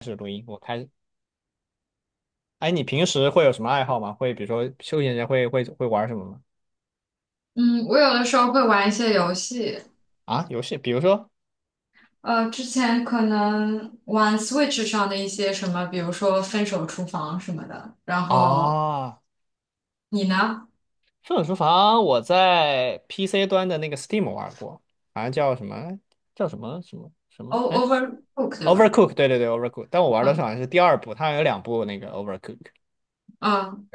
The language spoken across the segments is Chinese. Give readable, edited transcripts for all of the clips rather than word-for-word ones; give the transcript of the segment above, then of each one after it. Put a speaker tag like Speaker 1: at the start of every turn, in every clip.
Speaker 1: 开始录音，我开始。哎，你平时会有什么爱好吗？会比如说休闲时间会玩什么吗？
Speaker 2: 嗯，我有的时候会玩一些游戏，
Speaker 1: 啊，游戏，比如说
Speaker 2: 之前可能玩 Switch 上的一些什么，比如说《分手厨房》什么的。然后
Speaker 1: 啊，
Speaker 2: 你呢
Speaker 1: 《愤怒厨房》，我在 PC 端的那个 Steam 玩过，好像叫什么叫什么什么什
Speaker 2: ？O
Speaker 1: 么？哎
Speaker 2: Overcook 对吧？
Speaker 1: ，Overcook,对，Overcook。但我玩的是
Speaker 2: 嗯
Speaker 1: 好像是第二部，它好像有两部那个 Overcook。
Speaker 2: 嗯，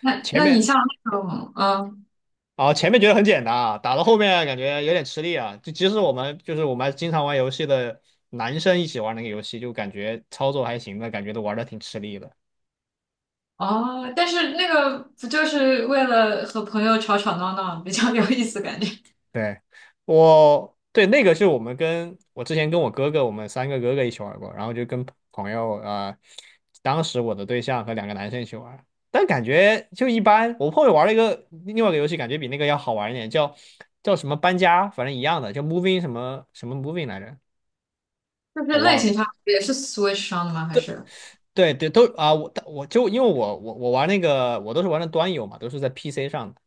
Speaker 2: 那
Speaker 1: 前
Speaker 2: 那你
Speaker 1: 面
Speaker 2: 像那种
Speaker 1: 啊，前面觉得很简单啊，打到后面感觉有点吃力啊。就即使我们我们经常玩游戏的男生一起玩那个游戏，就感觉操作还行的，感觉都玩的挺吃力的。
Speaker 2: 但是那个不就是为了和朋友吵吵闹闹比较有意思，感觉
Speaker 1: 对，我对那个是我们跟我之前跟我哥哥，我们三个哥哥一起玩过，然后就跟朋友啊、当时我的对象和两个男生一起玩，但感觉就一般。我后面玩了一个另外一个游戏，感觉比那个要好玩一点，叫叫什么搬家，反正一样的，叫 moving 什么什么 moving 来着，
Speaker 2: 就是
Speaker 1: 我
Speaker 2: 类
Speaker 1: 忘了。
Speaker 2: 型上也是 Switch 上的吗？还是？
Speaker 1: 对对，都啊、我就因为我玩那个，我都是玩的端游嘛，都是在 PC 上的。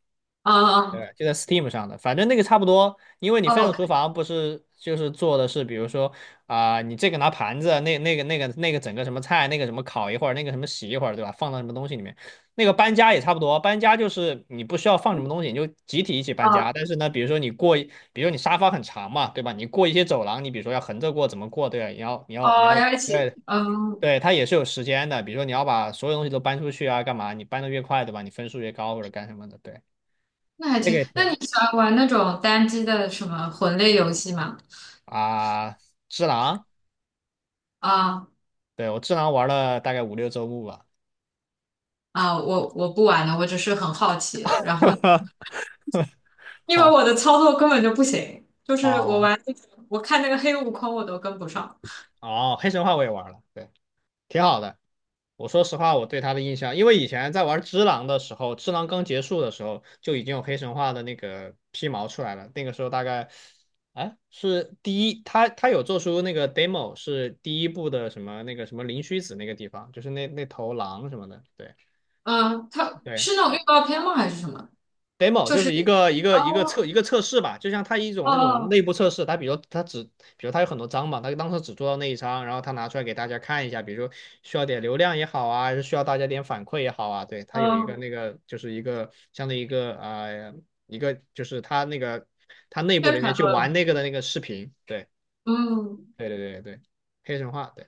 Speaker 2: 嗯嗯
Speaker 1: 对，就在 Steam 上的，反正那个差不多，因为你
Speaker 2: 哦，
Speaker 1: 分
Speaker 2: 我
Speaker 1: 手
Speaker 2: 看，
Speaker 1: 厨房不是就是做的是，比如说啊、你这个拿盘子，那个整个什么菜，那个什么烤一会儿，那个什么洗一会儿，对吧？放到什么东西里面，那个搬家也差不多，搬家就是你不需要放什么东西，你就集体一起
Speaker 2: 嗯
Speaker 1: 搬
Speaker 2: 哦
Speaker 1: 家。但是呢，比如说你过一比如说你沙发很长嘛，对吧？你过一些走廊，你比如说要横着过，怎么过，对吧？你要你要你
Speaker 2: 哦，
Speaker 1: 要
Speaker 2: 要一起，
Speaker 1: 对。
Speaker 2: 嗯
Speaker 1: 对，它也是有时间的，比如说你要把所有东西都搬出去啊，干嘛？你搬的越快，对吧？你分数越高或者干什么的，对，
Speaker 2: 那还
Speaker 1: 那个
Speaker 2: 挺。
Speaker 1: 也挺
Speaker 2: 那你喜欢玩那种单机的什么魂类游戏吗？
Speaker 1: 啊，只狼，
Speaker 2: 啊
Speaker 1: 对，我只狼玩了大概5、6周目吧。
Speaker 2: 啊，我不玩了，我只是很好奇。然后，因为
Speaker 1: 好，
Speaker 2: 我的操作根本就不行，就是我
Speaker 1: 哦
Speaker 2: 玩那个，我看那个黑悟空我都跟不上。
Speaker 1: 哦，黑神话我也玩了，对，挺好的。我说实话，我对他的印象，因为以前在玩只狼的时候，只狼刚结束的时候就已经有黑神话的那个皮毛出来了。那个时候大概，哎，是第一，他有做出那个 demo,是第一部的什么那个什么灵虚子那个地方，就是那那头狼什么的，对
Speaker 2: 嗯，它
Speaker 1: 对。
Speaker 2: 是那种预告片吗？还是什么？
Speaker 1: demo
Speaker 2: 就
Speaker 1: 就
Speaker 2: 是
Speaker 1: 是一个一个一个测
Speaker 2: 哦
Speaker 1: 一个测试吧，就像它一种那种
Speaker 2: 哦
Speaker 1: 内部测试，它比如它只，比如它有很多章嘛，它当时只做到那一章，然后它拿出来给大家看一下，比如说需要点流量也好啊，还是需要大家点反馈也好啊，对，它有一个
Speaker 2: 哦，
Speaker 1: 那个就是一个相当于一个啊、一个就是它那个它内部
Speaker 2: 宣
Speaker 1: 人员
Speaker 2: 传
Speaker 1: 去
Speaker 2: 作
Speaker 1: 玩
Speaker 2: 文。
Speaker 1: 那个的那个视频，对
Speaker 2: 嗯，
Speaker 1: 对，黑神话，对，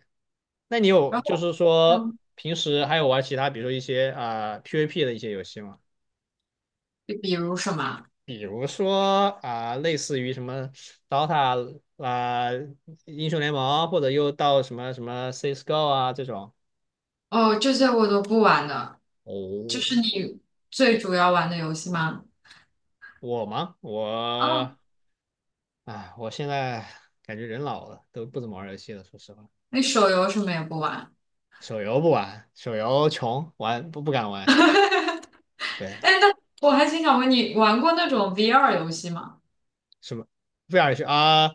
Speaker 1: 那你有
Speaker 2: 然
Speaker 1: 就
Speaker 2: 后
Speaker 1: 是说
Speaker 2: 嗯，
Speaker 1: 平时还有玩其他，比如说一些啊、PVP 的一些游戏吗？
Speaker 2: 比如什么？
Speaker 1: 比如说啊、类似于什么 Dota 啊、英雄联盟，或者又到什么什么 CS:GO 啊这种。
Speaker 2: 哦，这些我都不玩的，就是
Speaker 1: 哦，
Speaker 2: 你最主要玩的游戏吗？
Speaker 1: 我吗？我，哎，我现在感觉人老了，都不怎么玩游戏了。说实话，
Speaker 2: 那手游什么也不玩。
Speaker 1: 手游不玩，手游穷，玩不敢玩。
Speaker 2: 哎，
Speaker 1: 对，
Speaker 2: 那我还挺想问你，玩过那种 VR 游戏吗？
Speaker 1: 什么不想去啊？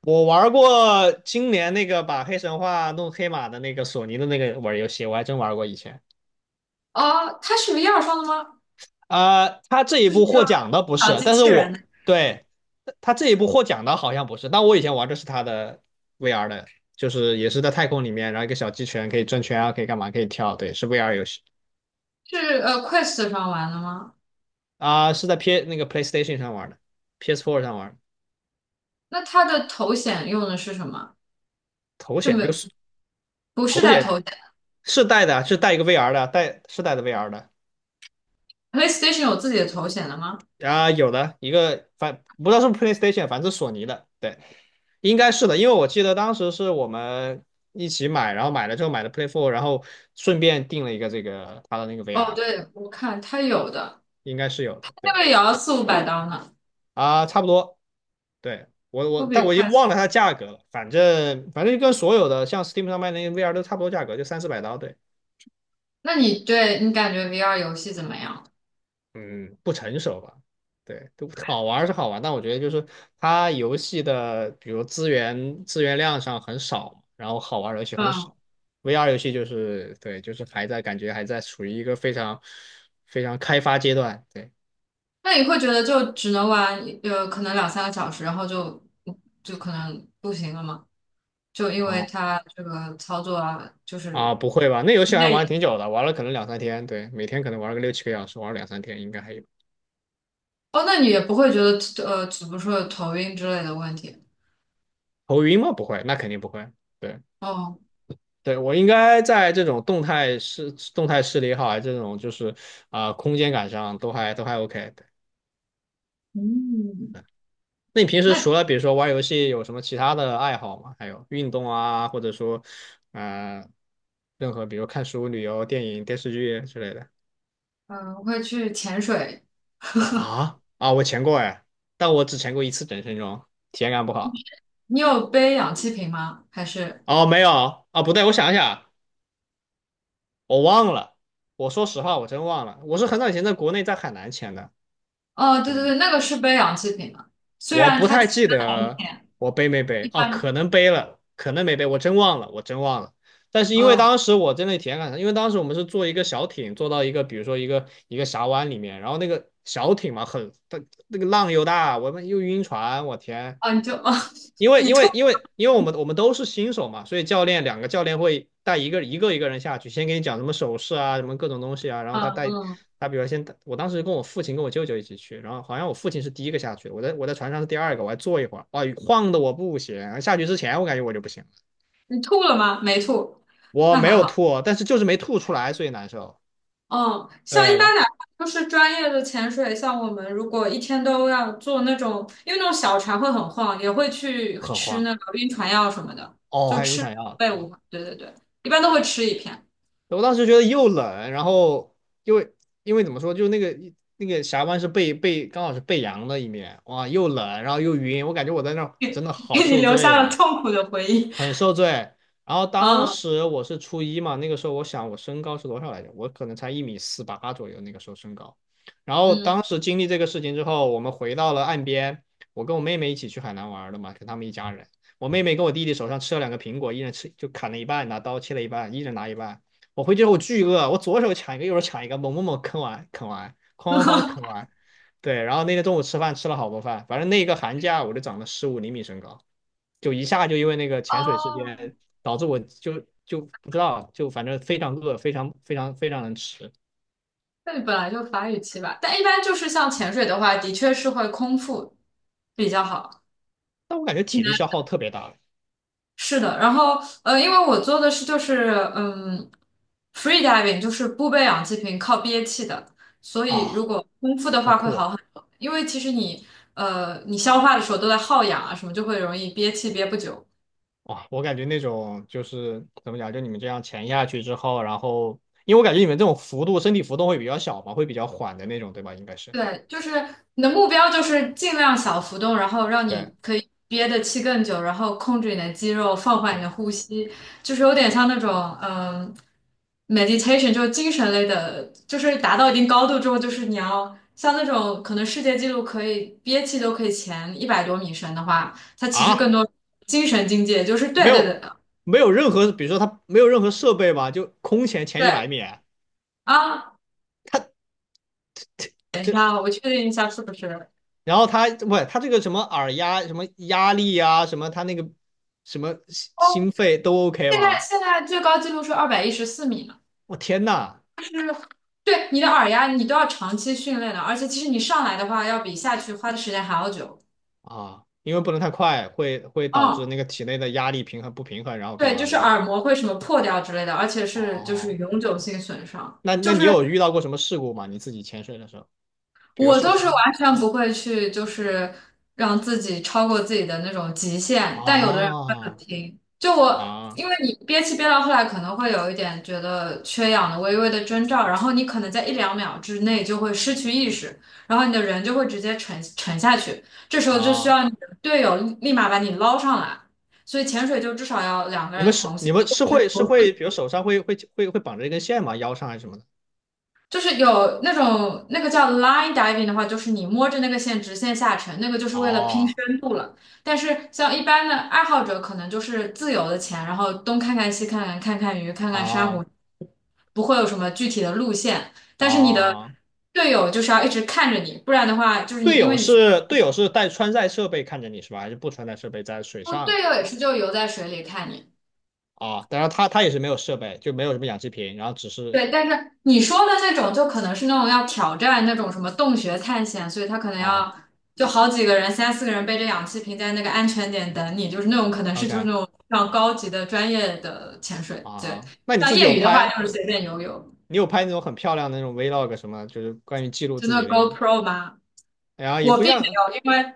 Speaker 1: 我玩过今年那个把黑神话弄黑马的那个索尼的那个玩游戏，我还真玩过以前。
Speaker 2: 哦，它是 VR 上的吗？
Speaker 1: 啊、他这一
Speaker 2: 是
Speaker 1: 部
Speaker 2: 那
Speaker 1: 获
Speaker 2: 个
Speaker 1: 奖的不
Speaker 2: 小
Speaker 1: 是，
Speaker 2: 机
Speaker 1: 但是
Speaker 2: 器人
Speaker 1: 我
Speaker 2: 的
Speaker 1: 对他这一部获奖的好像不是，但我以前玩的是他的 VR 的，就是也是在太空里面，然后一个小鸡人可以转圈啊，可以干嘛，可以跳，对，是 VR 游戏
Speaker 2: 是Quest 上玩的吗？
Speaker 1: 啊、是在 P 那个 PlayStation 上玩的，PS4 上玩的，
Speaker 2: 那它的头显用的是什么？
Speaker 1: 头
Speaker 2: 就
Speaker 1: 显
Speaker 2: 没
Speaker 1: 就是
Speaker 2: 不是
Speaker 1: 头
Speaker 2: 带
Speaker 1: 显
Speaker 2: 头显
Speaker 1: 是带的啊，是带一个 VR 的啊，带是带的 VR 的，
Speaker 2: ，PlayStation 有自己的头显的吗？
Speaker 1: 啊，有的一个反不知道是不是 PlayStation,反正是索尼的，对，应该是的，因为我记得当时是我们一起买，然后买了之后买的 Play 4,然后顺便订了一个这个它的那个
Speaker 2: 哦，
Speaker 1: VR,
Speaker 2: 对，我看它有的，
Speaker 1: 应该是有的，
Speaker 2: 那
Speaker 1: 对
Speaker 2: 个也要四五百刀呢，
Speaker 1: 啊，差不多，对我
Speaker 2: 不
Speaker 1: 我
Speaker 2: 比
Speaker 1: 但我也
Speaker 2: Quest。
Speaker 1: 忘了它价格了，反正反正就跟所有的像 Steam 上卖的那个 VR 都差不多价格，就3、400刀，对。
Speaker 2: 那你对你感觉 VR 游戏怎么样？
Speaker 1: 嗯，不成熟吧？对，都好玩儿是好玩，但我觉得就是它游戏的，比如资源量上很少嘛然后好玩儿的游戏很
Speaker 2: 嗯，
Speaker 1: 少。VR 游戏就是对，就是还在感觉还在处于一个非常非常开发阶段。对
Speaker 2: 那你会觉得就只能玩可能两三个小时，然后就可能不行了吗？就因为
Speaker 1: 啊
Speaker 2: 它这个操作啊，就是
Speaker 1: 啊，不会吧？那游戏还
Speaker 2: 内
Speaker 1: 玩挺
Speaker 2: 隐
Speaker 1: 久的，玩了可能两三天，对，每天可能玩了个6、7个小时，玩了两三天应该还有。
Speaker 2: 哦，那你也不会觉得怎么说有头晕之类的问题？
Speaker 1: 头晕吗？不会，那肯定不会。对。
Speaker 2: 哦，
Speaker 1: 对，我应该在这种动态视力也好啊，还这种就是啊、空间感上都还 OK。对，
Speaker 2: 嗯，
Speaker 1: 那你平时
Speaker 2: 那
Speaker 1: 除了比如说玩游戏，有什么其他的爱好吗？还有运动啊，或者说呃，任何比如看书、旅游、电影、电视剧之类的
Speaker 2: 会去潜水。
Speaker 1: 啊啊，我潜过哎，但我只潜过一次整身装，体验感不好。
Speaker 2: 你有背氧气瓶吗？还是？
Speaker 1: 哦，没有啊，不对，我想一想，我忘了。我说实话，我真忘了，我是很早以前在国内在海南潜的。
Speaker 2: 哦，对对对，那个是背氧气瓶的，虽
Speaker 1: 我
Speaker 2: 然
Speaker 1: 不
Speaker 2: 它
Speaker 1: 太
Speaker 2: 潜
Speaker 1: 记
Speaker 2: 在很
Speaker 1: 得
Speaker 2: 浅，
Speaker 1: 我背没
Speaker 2: 一
Speaker 1: 背哦，
Speaker 2: 般。
Speaker 1: 可能背了，可能没背，我真忘了，我真忘了。但是因为
Speaker 2: 嗯，
Speaker 1: 当时我真的体验感因为当时我们是坐一个小艇，坐到一个比如说一个峡湾里面，然后那个小艇嘛很，它那个浪又大，我们又晕船，我天，
Speaker 2: 哦，你就哦，
Speaker 1: 因 为
Speaker 2: 你
Speaker 1: 因
Speaker 2: 吐。
Speaker 1: 为因为因为我们我们都是新手嘛，所以教练两个教练会带一个人下去，先给你讲什么手势啊，什么各种东西啊，然后
Speaker 2: 嗯
Speaker 1: 他带
Speaker 2: 嗯。
Speaker 1: 他比如先我当时跟我父亲跟我舅舅一起去，然后好像我父亲是第一个下去我在船上是第二个，我还坐一会儿，啊，晃的我不行，下去之前我感觉我就不行了
Speaker 2: 你吐了吗？没吐，
Speaker 1: 我
Speaker 2: 那
Speaker 1: 没
Speaker 2: 还
Speaker 1: 有
Speaker 2: 好。
Speaker 1: 吐，但是就是没吐出来，所以难受，
Speaker 2: 嗯，
Speaker 1: 对，
Speaker 2: 像一
Speaker 1: 然
Speaker 2: 般
Speaker 1: 后
Speaker 2: 哪怕就是专业的潜水，像我们如果一天都要做那种，因为那种小船会很晃，也会去
Speaker 1: 很
Speaker 2: 吃
Speaker 1: 慌，
Speaker 2: 那个晕船药什么的，
Speaker 1: 哦，
Speaker 2: 就
Speaker 1: 还有晕
Speaker 2: 吃
Speaker 1: 船药，
Speaker 2: 贝无。
Speaker 1: 哦，
Speaker 2: 对对对，一般都会吃一片，
Speaker 1: 我当时觉得又冷，然后因为因为怎么说，就那个那个峡湾是背刚好是背阳的一面，哇，又冷，然后又晕，我感觉我在那儿真的
Speaker 2: 给
Speaker 1: 好
Speaker 2: 你
Speaker 1: 受
Speaker 2: 留
Speaker 1: 罪
Speaker 2: 下了
Speaker 1: 啊。
Speaker 2: 痛苦的回忆。
Speaker 1: 很受罪。然后当
Speaker 2: 嗯
Speaker 1: 时我是初一嘛，那个时候我想我身高是多少来着？我可能才1米48左右，那个时候身高。然后
Speaker 2: 嗯。
Speaker 1: 当时经历这个事情之后，我们回到了岸边，我跟我妹妹一起去海南玩的嘛，跟他们一家人。我妹妹跟我弟弟手上吃了两个苹果，一人吃就砍了一半，拿刀切了一半，一人拿一半。我回去之后我巨饿，我左手抢一个，右手抢一个，猛猛猛啃完，哐哐哐啃完，对，然后那天中午吃饭吃了好多饭，反正那一个寒假我就长了15厘米身高，就一下就因为那个潜水事
Speaker 2: 哦，
Speaker 1: 件导致我就不知道，就反正非常饿，非常能吃，
Speaker 2: 那你本来就法语期吧？但一般就是像潜
Speaker 1: 嗯
Speaker 2: 水的话，的确是会空腹比较好。
Speaker 1: 但我感觉体力
Speaker 2: 嗯
Speaker 1: 消耗特别大
Speaker 2: 是的，然后因为我做的是就是free diving，就是不背氧气瓶，靠憋气的，所以如
Speaker 1: 啊，
Speaker 2: 果空腹的
Speaker 1: 好
Speaker 2: 话会
Speaker 1: 酷啊！
Speaker 2: 好很多，因为其实你消化的时候都在耗氧啊，什么就会容易憋气憋不久。
Speaker 1: 哇我感觉那种就是怎么讲，就你们这样潜下去之后，然后因为我感觉你们这种幅度身体浮动会比较小嘛，会比较缓的那种，对吧？应该是
Speaker 2: 对，就是你的目标就是尽量小浮动，然后让你
Speaker 1: 对
Speaker 2: 可以憋的气更久，然后控制你的肌肉，放缓你
Speaker 1: 对
Speaker 2: 的呼吸，就是有点像那种嗯，meditation，就是精神类的，就是达到一定高度之后，就是你要像那种可能世界纪录可以憋气都可以前一百多米深的话，它其实更
Speaker 1: 啊。
Speaker 2: 多精神境界，就是
Speaker 1: 没
Speaker 2: 对对
Speaker 1: 有
Speaker 2: 对
Speaker 1: 没有任何，比如说它没有任何设备吧，就空前一百
Speaker 2: 对
Speaker 1: 米，
Speaker 2: 啊，等一
Speaker 1: 这
Speaker 2: 下，我确定一下是不是？
Speaker 1: 然后它不，它这个什么耳压、什么压力啊，什么它那个什么心
Speaker 2: 哦？
Speaker 1: 心肺都 OK
Speaker 2: 现在
Speaker 1: 吗？
Speaker 2: 现在最高纪录是214米。
Speaker 1: 我天呐
Speaker 2: 就是对你的耳压，你都要长期训练的，而且其实你上来的话，要比下去花的时间还要久。
Speaker 1: 啊，因为不能太快，会导致
Speaker 2: 嗯，
Speaker 1: 那个体内的压力平衡不平衡，然后干
Speaker 2: 对，就
Speaker 1: 嘛，
Speaker 2: 是
Speaker 1: 对吧？
Speaker 2: 耳膜会什么破掉之类的，而且是就是
Speaker 1: 哦，
Speaker 2: 永久性损伤。
Speaker 1: 那那
Speaker 2: 就
Speaker 1: 你
Speaker 2: 是
Speaker 1: 有遇到过什么事故吗？你自己潜水的时候，比如
Speaker 2: 我
Speaker 1: 受
Speaker 2: 都是
Speaker 1: 伤？
Speaker 2: 完全不会去，就是让自己超过自己的那种极限，但有的人会很
Speaker 1: 哦
Speaker 2: 拼。就我，
Speaker 1: 啊
Speaker 2: 因为你憋气憋到后来，可能会有一点觉得缺氧的微微的征兆，然后你可能在一两秒之内就会失去意识，然后你的人就会直接沉沉下去。这时候就需
Speaker 1: 啊！
Speaker 2: 要你的队友立马把你捞上来，所以潜水就至少要两个
Speaker 1: 你
Speaker 2: 人
Speaker 1: 们是
Speaker 2: 同行。
Speaker 1: 你们是，比如手上会绑着一根线吗？腰上还是什么的？
Speaker 2: 就是有那种那个叫 line diving 的话，就是你摸着那个线直线下沉，那个就是为了拼深
Speaker 1: 哦
Speaker 2: 度了。但是像一般的爱好者，可能就是自由的潜，然后东看看西看看，看看鱼，看看珊瑚，
Speaker 1: 哦
Speaker 2: 不会有什么具体的路线。但是你的
Speaker 1: 哦
Speaker 2: 队友就是要一直看着你，不然的话，就是你
Speaker 1: 队
Speaker 2: 因
Speaker 1: 友
Speaker 2: 为你
Speaker 1: 是队友是带穿戴设备看着你是吧？还是不穿戴设备在水
Speaker 2: 哦，
Speaker 1: 上
Speaker 2: 队友也是就游在水里看你。
Speaker 1: 啊？当然他他也是没有设备，就没有什么氧气瓶，然后只是
Speaker 2: 对，但是你说的那种，就可能是那种要挑战那种什么洞穴探险，所以他可能
Speaker 1: 啊
Speaker 2: 要就好几个人、三四个人背着氧气瓶在那个安全点等你，就是那种可能是就是
Speaker 1: ，OK
Speaker 2: 那种非常高级的专业的潜水。对，
Speaker 1: 啊，那你
Speaker 2: 像
Speaker 1: 自己
Speaker 2: 业
Speaker 1: 有
Speaker 2: 余的话就
Speaker 1: 拍？
Speaker 2: 是随便游泳，
Speaker 1: 你有拍那种很漂亮的那种 vlog 什么？就是关于记录
Speaker 2: 就
Speaker 1: 自
Speaker 2: 那
Speaker 1: 己
Speaker 2: 个
Speaker 1: 的，
Speaker 2: GoPro 吗？
Speaker 1: 然后也
Speaker 2: 我
Speaker 1: 不
Speaker 2: 并没
Speaker 1: 像
Speaker 2: 有，因为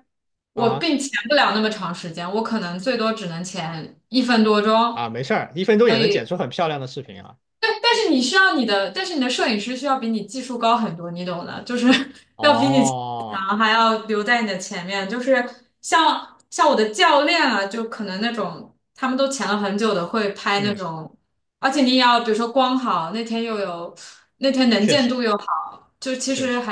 Speaker 2: 我
Speaker 1: 啊
Speaker 2: 并潜不了那么长时间，我可能最多只能潜一分多
Speaker 1: 啊，
Speaker 2: 钟。
Speaker 1: 没事儿，一分钟
Speaker 2: 所
Speaker 1: 也能剪
Speaker 2: 以
Speaker 1: 出很漂亮的视频啊。
Speaker 2: 对，但是你需要你的，但是你的摄影师需要比你技术高很多，你懂的，就是 要比你
Speaker 1: 哦，
Speaker 2: 强，还要留在你的前面。就是像我的教练啊，就可能那种他们都潜了很久的，会拍那
Speaker 1: 嗯，
Speaker 2: 种，而且你也要比如说光好，那天又有那天能
Speaker 1: 确
Speaker 2: 见
Speaker 1: 实
Speaker 2: 度又好。
Speaker 1: 确实。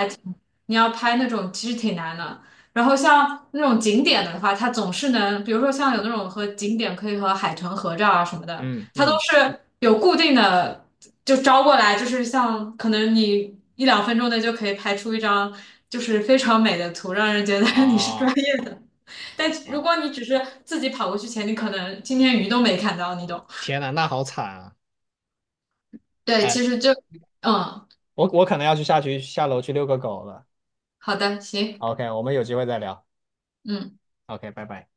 Speaker 2: 你要拍那种其实挺难的。然后像那种景点的话，它总是能，比如说像有那种和景点可以和海豚合照啊什么的，
Speaker 1: 嗯
Speaker 2: 它都
Speaker 1: 嗯，
Speaker 2: 是有固定的，就招过来，就是像可能你一两分钟内就可以拍出一张就是非常美的图，让人觉得 你是专
Speaker 1: 哦
Speaker 2: 业的。但如
Speaker 1: 啊，
Speaker 2: 果你只是自己跑过去前，你可能今天鱼都没看到，你懂？
Speaker 1: 天呐，那好惨啊！
Speaker 2: 对，
Speaker 1: 哎，
Speaker 2: 其实就嗯，
Speaker 1: 我可能要去下去下楼去遛个狗了。
Speaker 2: 好的，行。
Speaker 1: OK,我们有机会再聊。
Speaker 2: 嗯。
Speaker 1: OK,拜拜。